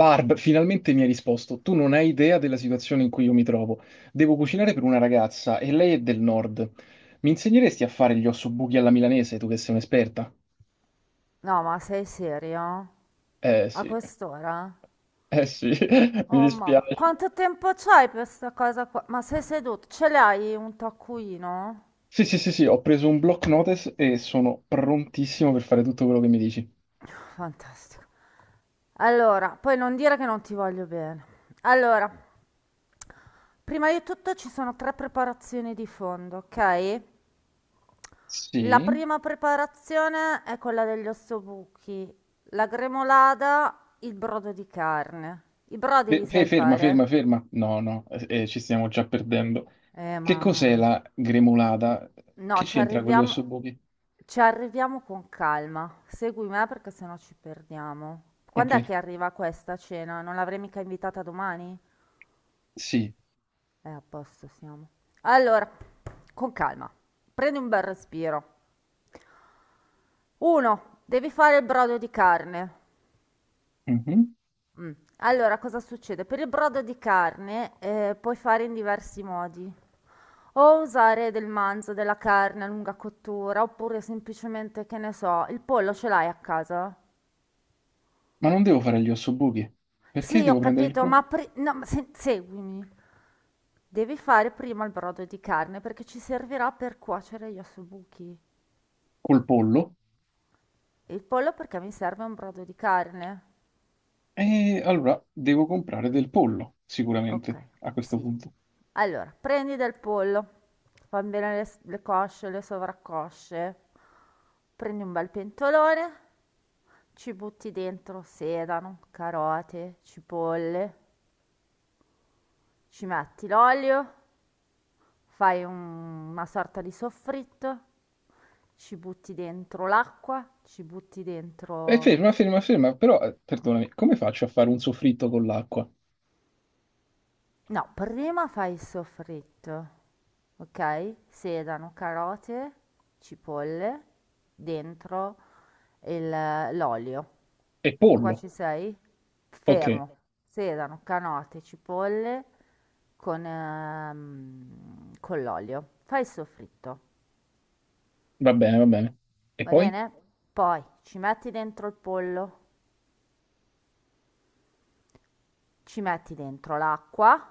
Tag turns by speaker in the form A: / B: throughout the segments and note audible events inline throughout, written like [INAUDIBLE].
A: Barb, finalmente mi hai risposto. Tu non hai idea della situazione in cui io mi trovo. Devo cucinare per una ragazza e lei è del nord. Mi insegneresti a fare gli ossobuchi alla milanese, tu che sei un'esperta?
B: No, ma sei serio?
A: Eh
B: A
A: sì,
B: quest'ora?
A: eh sì, [LAUGHS] mi
B: Oh mamma,
A: dispiace.
B: quanto tempo c'hai per sta cosa qua? Ma sei seduto? Ce l'hai un taccuino?
A: Sì, sì, sì, sì, ho preso un block notice e sono prontissimo per fare tutto quello che mi dici.
B: Fantastico. Allora, poi non dire che non ti voglio bene. Allora, prima di tutto ci sono tre preparazioni di fondo, ok? La
A: Sì?
B: prima preparazione è quella degli ossobuchi, la gremolada, il brodo di carne. I brodi li sai
A: Ferma, ferma,
B: fare?
A: ferma. No, no, ci stiamo già perdendo. Che
B: Mamma
A: cos'è
B: mia.
A: la gremolata?
B: No,
A: Che c'entra con gli ossobuchi?
B: ci arriviamo con calma. Segui me perché sennò ci perdiamo.
A: Ok,
B: Quando è che arriva questa cena? Non l'avrei mica invitata domani?
A: sì.
B: A posto siamo. Allora, con calma. Prendi un bel respiro. Uno, devi fare il brodo di carne.
A: Mhm.
B: Mm. Allora, cosa succede? Per il brodo di carne puoi fare in diversi modi. O usare del manzo, della carne a lunga cottura, oppure semplicemente, che ne so, il pollo ce l'hai a casa?
A: Ma non devo fare gli ossobuchi, perché
B: Sì,
A: devo
B: ho
A: prendere il
B: capito,
A: col,
B: ma no, ma seguimi. Devi fare prima il brodo di carne perché ci servirà per cuocere gli ossobuchi.
A: col pollo,
B: E il pollo perché mi serve un brodo di carne.
A: e allora devo comprare del pollo,
B: Ok,
A: sicuramente, a questo
B: sì.
A: punto.
B: Allora, prendi del pollo, fa bene le, le cosce, le sovraccosce. Prendi un bel pentolone, ci butti dentro sedano, carote, cipolle, ci metti l'olio. Fai un una sorta di soffritto, ci butti dentro l'acqua, ci butti
A: E
B: dentro,
A: ferma, ferma, ferma, però, perdonami, come faccio a fare un soffritto con l'acqua?
B: no, prima fai il soffritto, okay, sedano, carote, cipolle, dentro il l'olio.
A: E
B: Fin qua
A: pollo?
B: ci sei?
A: Ok,
B: Fermo. Sedano, carote, cipolle con con l'olio. Fai il soffritto.
A: va bene, va bene. E
B: Va
A: poi?
B: bene? Poi ci metti dentro il pollo, ci metti dentro l'acqua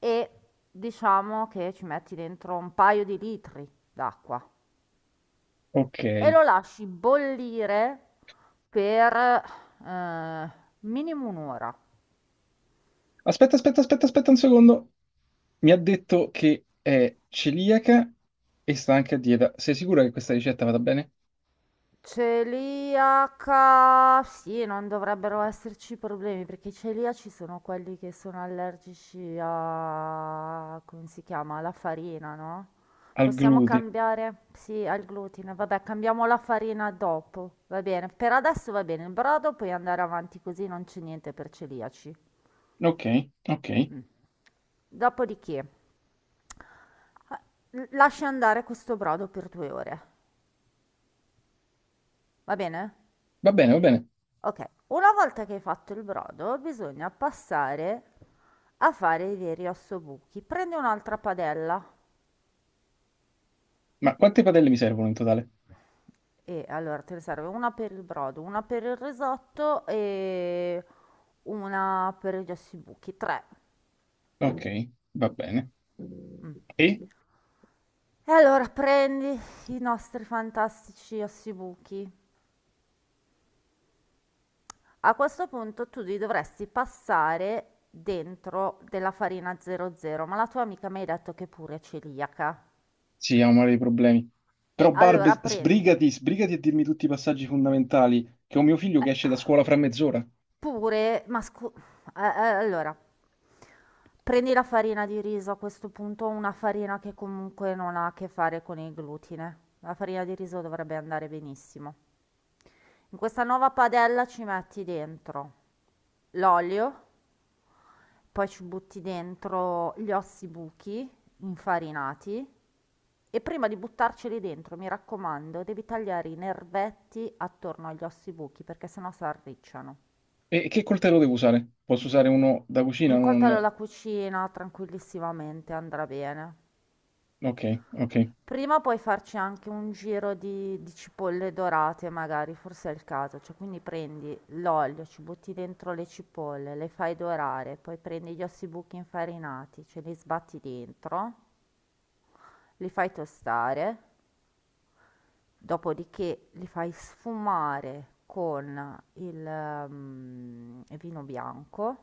B: e diciamo che ci metti dentro un paio di litri d'acqua
A: Ok.
B: e lo lasci bollire per eh, minimo un'ora.
A: Aspetta, aspetta, aspetta, aspetta un secondo. Mi ha detto che è celiaca e sta anche a dieta. Sei sicura che questa ricetta vada bene?
B: Celiaca, sì, non dovrebbero esserci problemi perché i celiaci sono quelli che sono allergici a, come si chiama, alla farina, no?
A: Al
B: Possiamo
A: glutine.
B: cambiare, sì, al glutine, vabbè, cambiamo la farina dopo, va bene. Per adesso va bene, il brodo puoi andare avanti così, non c'è niente per celiaci.
A: Ok, ok.
B: Mm. Dopodiché, lasci andare questo brodo per 2 ore, va bene?
A: Va bene, va bene.
B: Okay, una volta che hai fatto il brodo bisogna passare a fare i veri ossobuchi. Prendi un'altra padella
A: Ma quante padelle mi servono in totale?
B: e allora te ne serve una per il brodo, una per il risotto e una per gli ossibuchi, 3.
A: Ok, va bene.
B: Mm.
A: E?
B: E allora prendi i nostri fantastici ossibuchi. A questo punto tu li dovresti passare dentro della farina 00, ma la tua amica mi ha detto che è pure è celiaca.
A: Sì, ha un mare di problemi.
B: E
A: Però
B: allora
A: Barb,
B: prendi,
A: sbrigati, sbrigati a dirmi tutti i passaggi fondamentali, che ho mio figlio che esce
B: Eh,
A: da scuola fra mezz'ora.
B: pure, ma allora, prendi la farina di riso a questo punto, una farina che comunque non ha a che fare con il glutine. La farina di riso dovrebbe andare benissimo. In questa nuova padella ci metti dentro l'olio, poi ci butti dentro gli ossi buchi infarinati, e prima di buttarceli dentro, mi raccomando, devi tagliare i nervetti attorno agli ossi buchi perché sennò si arricciano.
A: E che coltello devo usare? Posso usare uno da cucina?
B: Un
A: Non...
B: coltello alla cucina tranquillissimamente andrà bene.
A: Ok, ok.
B: Prima puoi farci anche un giro di cipolle dorate, magari, forse è il caso. Cioè, quindi prendi l'olio, ci butti dentro le cipolle, le fai dorare, poi prendi gli ossibuchi infarinati, ce li sbatti dentro, li fai tostare, dopodiché li fai sfumare con il, vino bianco.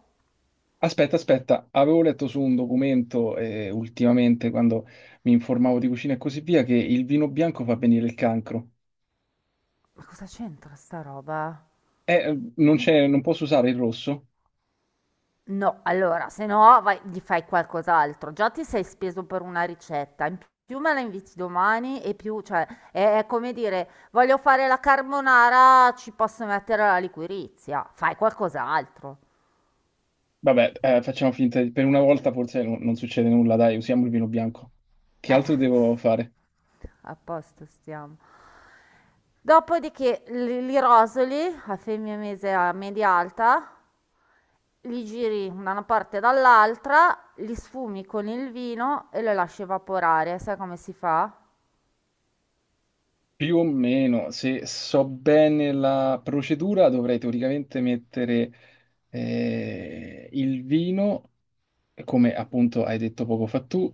A: Aspetta, aspetta, avevo letto su un documento ultimamente, quando mi informavo di cucina e così via, che il vino bianco fa venire il cancro.
B: Ma cosa c'entra sta roba?
A: Non c'è, non posso usare il rosso?
B: No, allora, se no vai gli fai qualcos'altro. Già ti sei speso per una ricetta, in più me la inviti domani e più, cioè, è come dire, voglio fare la carbonara, ci posso mettere la liquirizia. Fai qualcos'altro.
A: Vabbè, facciamo finta di... Per una volta forse non, non succede nulla, dai, usiamo il vino bianco. Che
B: Eh,
A: altro devo fare?
B: a posto stiamo. Dopodiché li rosoli a femmina mese a media alta, li giri da una parte e dall'altra, li sfumi con il vino e lo lasci evaporare. Sai come si fa?
A: Più o meno, se so bene la procedura, dovrei teoricamente mettere il vino, come appunto hai detto poco fa tu,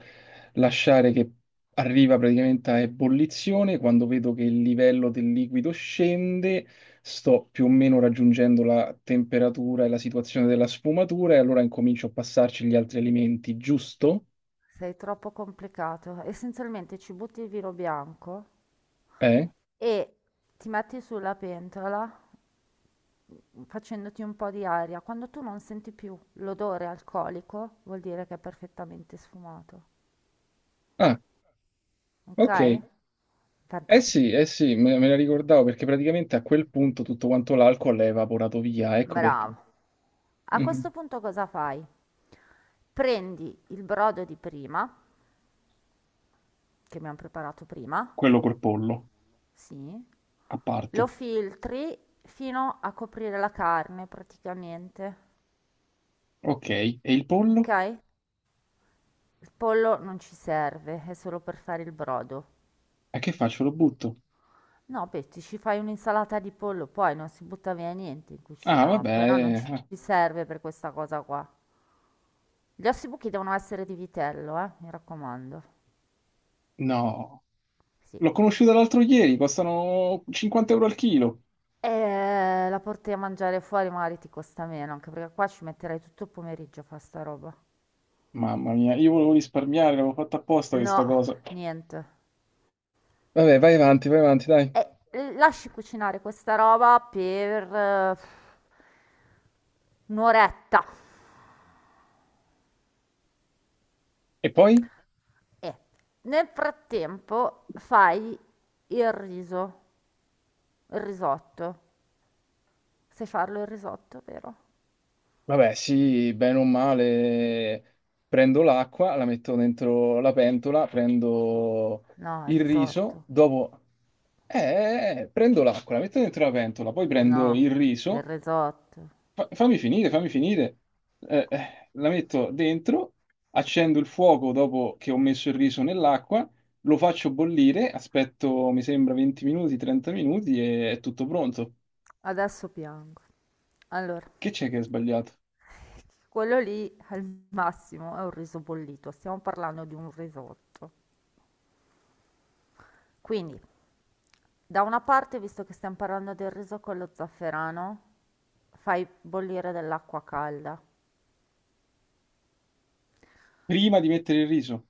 A: lasciare che arriva praticamente a ebollizione, quando vedo che il livello del liquido scende, sto più o meno raggiungendo la temperatura e la situazione della sfumatura e allora incomincio a passarci gli altri alimenti, giusto?
B: Sei troppo complicato. Essenzialmente ci butti il vino bianco
A: Eh?
B: e ti metti sulla pentola facendoti un po' di aria. Quando tu non senti più l'odore alcolico, vuol dire che è perfettamente sfumato.
A: Ah,
B: Ok?
A: ok.
B: Fantastico.
A: Sì, eh sì, me la ricordavo perché praticamente a quel punto tutto quanto l'alcol è evaporato via, ecco perché.
B: Bravo. A questo
A: Mhm.
B: punto cosa fai? Prendi il brodo di prima, che abbiamo preparato prima,
A: Quello col pollo,
B: sì,
A: a
B: lo
A: parte.
B: filtri fino a coprire la carne praticamente,
A: Ok, e il
B: ok?
A: pollo?
B: Il pollo non ci serve, è solo per fare il brodo.
A: E che faccio? Lo butto?
B: No, Betty, ci fai un'insalata di pollo, poi non si butta via niente in
A: Ah,
B: cucina,
A: vabbè,
B: però non ci ci serve per questa cosa qua. Gli ossibuchi devono essere di vitello, mi raccomando.
A: no,
B: Sì.
A: l'ho conosciuta l'altro ieri, costano 50 euro al chilo.
B: E la porti a mangiare fuori, magari ti costa meno, anche perché qua ci metterai tutto il pomeriggio a fare sta roba.
A: Mamma mia, io volevo risparmiare, l'avevo fatta apposta
B: No,
A: questa cosa.
B: niente.
A: Vabbè, vai avanti, dai.
B: E lasci cucinare questa roba per un'oretta.
A: E poi?
B: E nel frattempo fai il riso, il risotto. Sai farlo il risotto, vero?
A: Vabbè, sì, bene o male, prendo l'acqua, la metto dentro la pentola, prendo
B: No, il
A: il riso,
B: risotto.
A: dopo... prendo l'acqua, la metto dentro la pentola, poi prendo il
B: No, il
A: riso.
B: risotto.
A: Fammi finire, fammi finire. La metto dentro, accendo il fuoco dopo che ho messo il riso nell'acqua, lo faccio bollire, aspetto, mi sembra, 20 minuti, 30 minuti e è tutto pronto.
B: Adesso piango. Allora,
A: Che c'è che è sbagliato?
B: quello lì al massimo è un riso bollito. Stiamo parlando di un risotto. Quindi, da una parte, visto che stiamo parlando del riso con lo zafferano, fai bollire dell'acqua calda.
A: Prima di mettere il riso,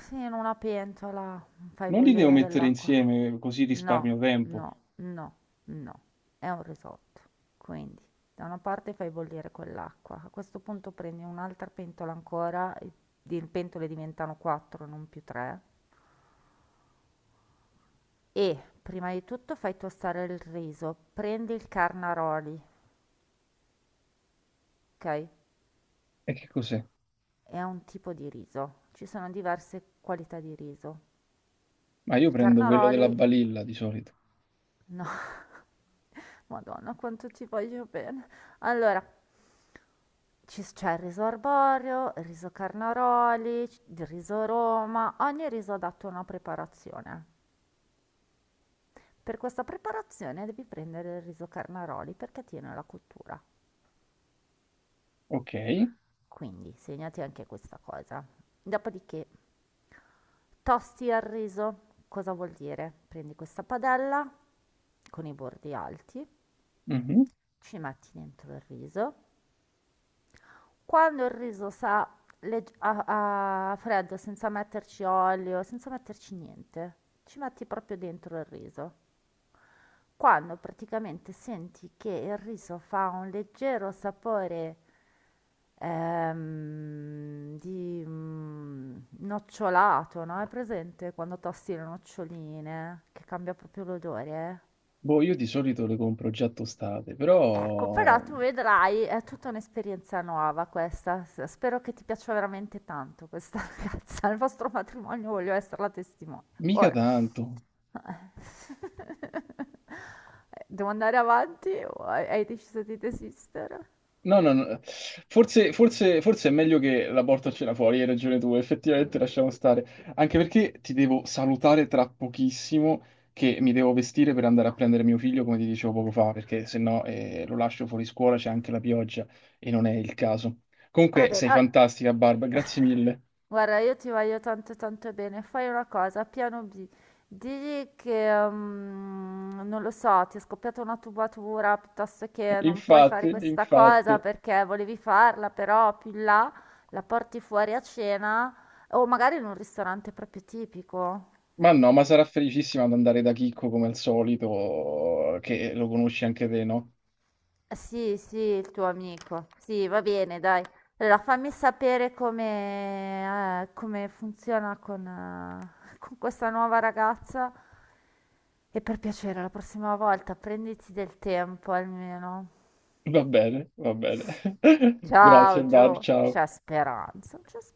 B: Sì, in una pentola fai
A: non li devo
B: bollire
A: mettere
B: dell'acqua.
A: insieme così
B: No,
A: risparmio tempo.
B: no, no, no, è un risotto. Quindi, da una parte fai bollire quell'acqua, a questo punto prendi un'altra pentola ancora, e le pentole diventano 4, non più 3, e prima di tutto fai tostare il riso, prendi il carnaroli, ok?
A: E che cos'è?
B: È un tipo di riso, ci sono diverse qualità di riso.
A: Ma io
B: Il
A: prendo quello della
B: carnaroli,
A: balilla di solito.
B: no, [LAUGHS] Madonna, quanto ci voglio bene. Allora, c'è il riso arborio, il riso carnaroli, il riso Roma, ogni riso ha dato una preparazione. Per questa preparazione devi prendere il riso carnaroli perché tiene la cottura.
A: Ok.
B: Quindi segnati anche questa cosa. Dopodiché tosti il riso. Cosa vuol dire? Prendi questa padella con i bordi alti,
A: Mhm.
B: ci metti dentro il riso. Quando il riso sa a freddo, senza metterci olio, senza metterci niente, ci metti proprio dentro il riso. Quando praticamente senti che il riso fa un leggero sapore di nocciolato, no? È presente quando tosti le noccioline, che cambia proprio l'odore?
A: Boh, io di solito le compro già tostate,
B: Ecco, però
A: però
B: tu vedrai, è tutta un'esperienza nuova questa. Spero che ti piaccia veramente tanto questa [LAUGHS] ragazza. Il vostro matrimonio voglio essere la testimone.
A: mica
B: Ora,
A: tanto.
B: [LAUGHS] devo andare avanti o hai deciso di desistere?
A: No, no, no. Forse, forse è meglio che la porto a cena fuori, hai ragione tu, effettivamente lasciamo stare. Anche perché ti devo salutare tra pochissimo, che mi devo vestire per andare a prendere mio figlio, come ti dicevo poco fa, perché se no lo lascio fuori scuola, c'è anche la pioggia e non è il caso.
B: Va
A: Comunque
B: bene,
A: sei
B: allora,
A: fantastica, Barba, grazie mille.
B: guarda, io ti voglio tanto tanto bene. Fai una cosa, piano B. Digli che, non lo so, ti è scoppiata una tubatura, piuttosto che non puoi
A: Infatti,
B: fare questa cosa
A: infatti.
B: perché volevi farla, però più in là la porti fuori a cena o magari in un ristorante proprio tipico.
A: Ma no, ma sarà felicissima ad andare da Chicco come al solito, che lo conosci anche te, no?
B: Sì, sì, il tuo amico. Sì, va bene, dai. Allora, fammi sapere come, come funziona con, [LAUGHS] con questa nuova ragazza. E per piacere, la prossima volta prenditi del tempo almeno.
A: Va bene, va bene. [LAUGHS] Grazie,
B: Ciao,
A: Bar,
B: Gio.
A: ciao.
B: C'è speranza, c'è speranza.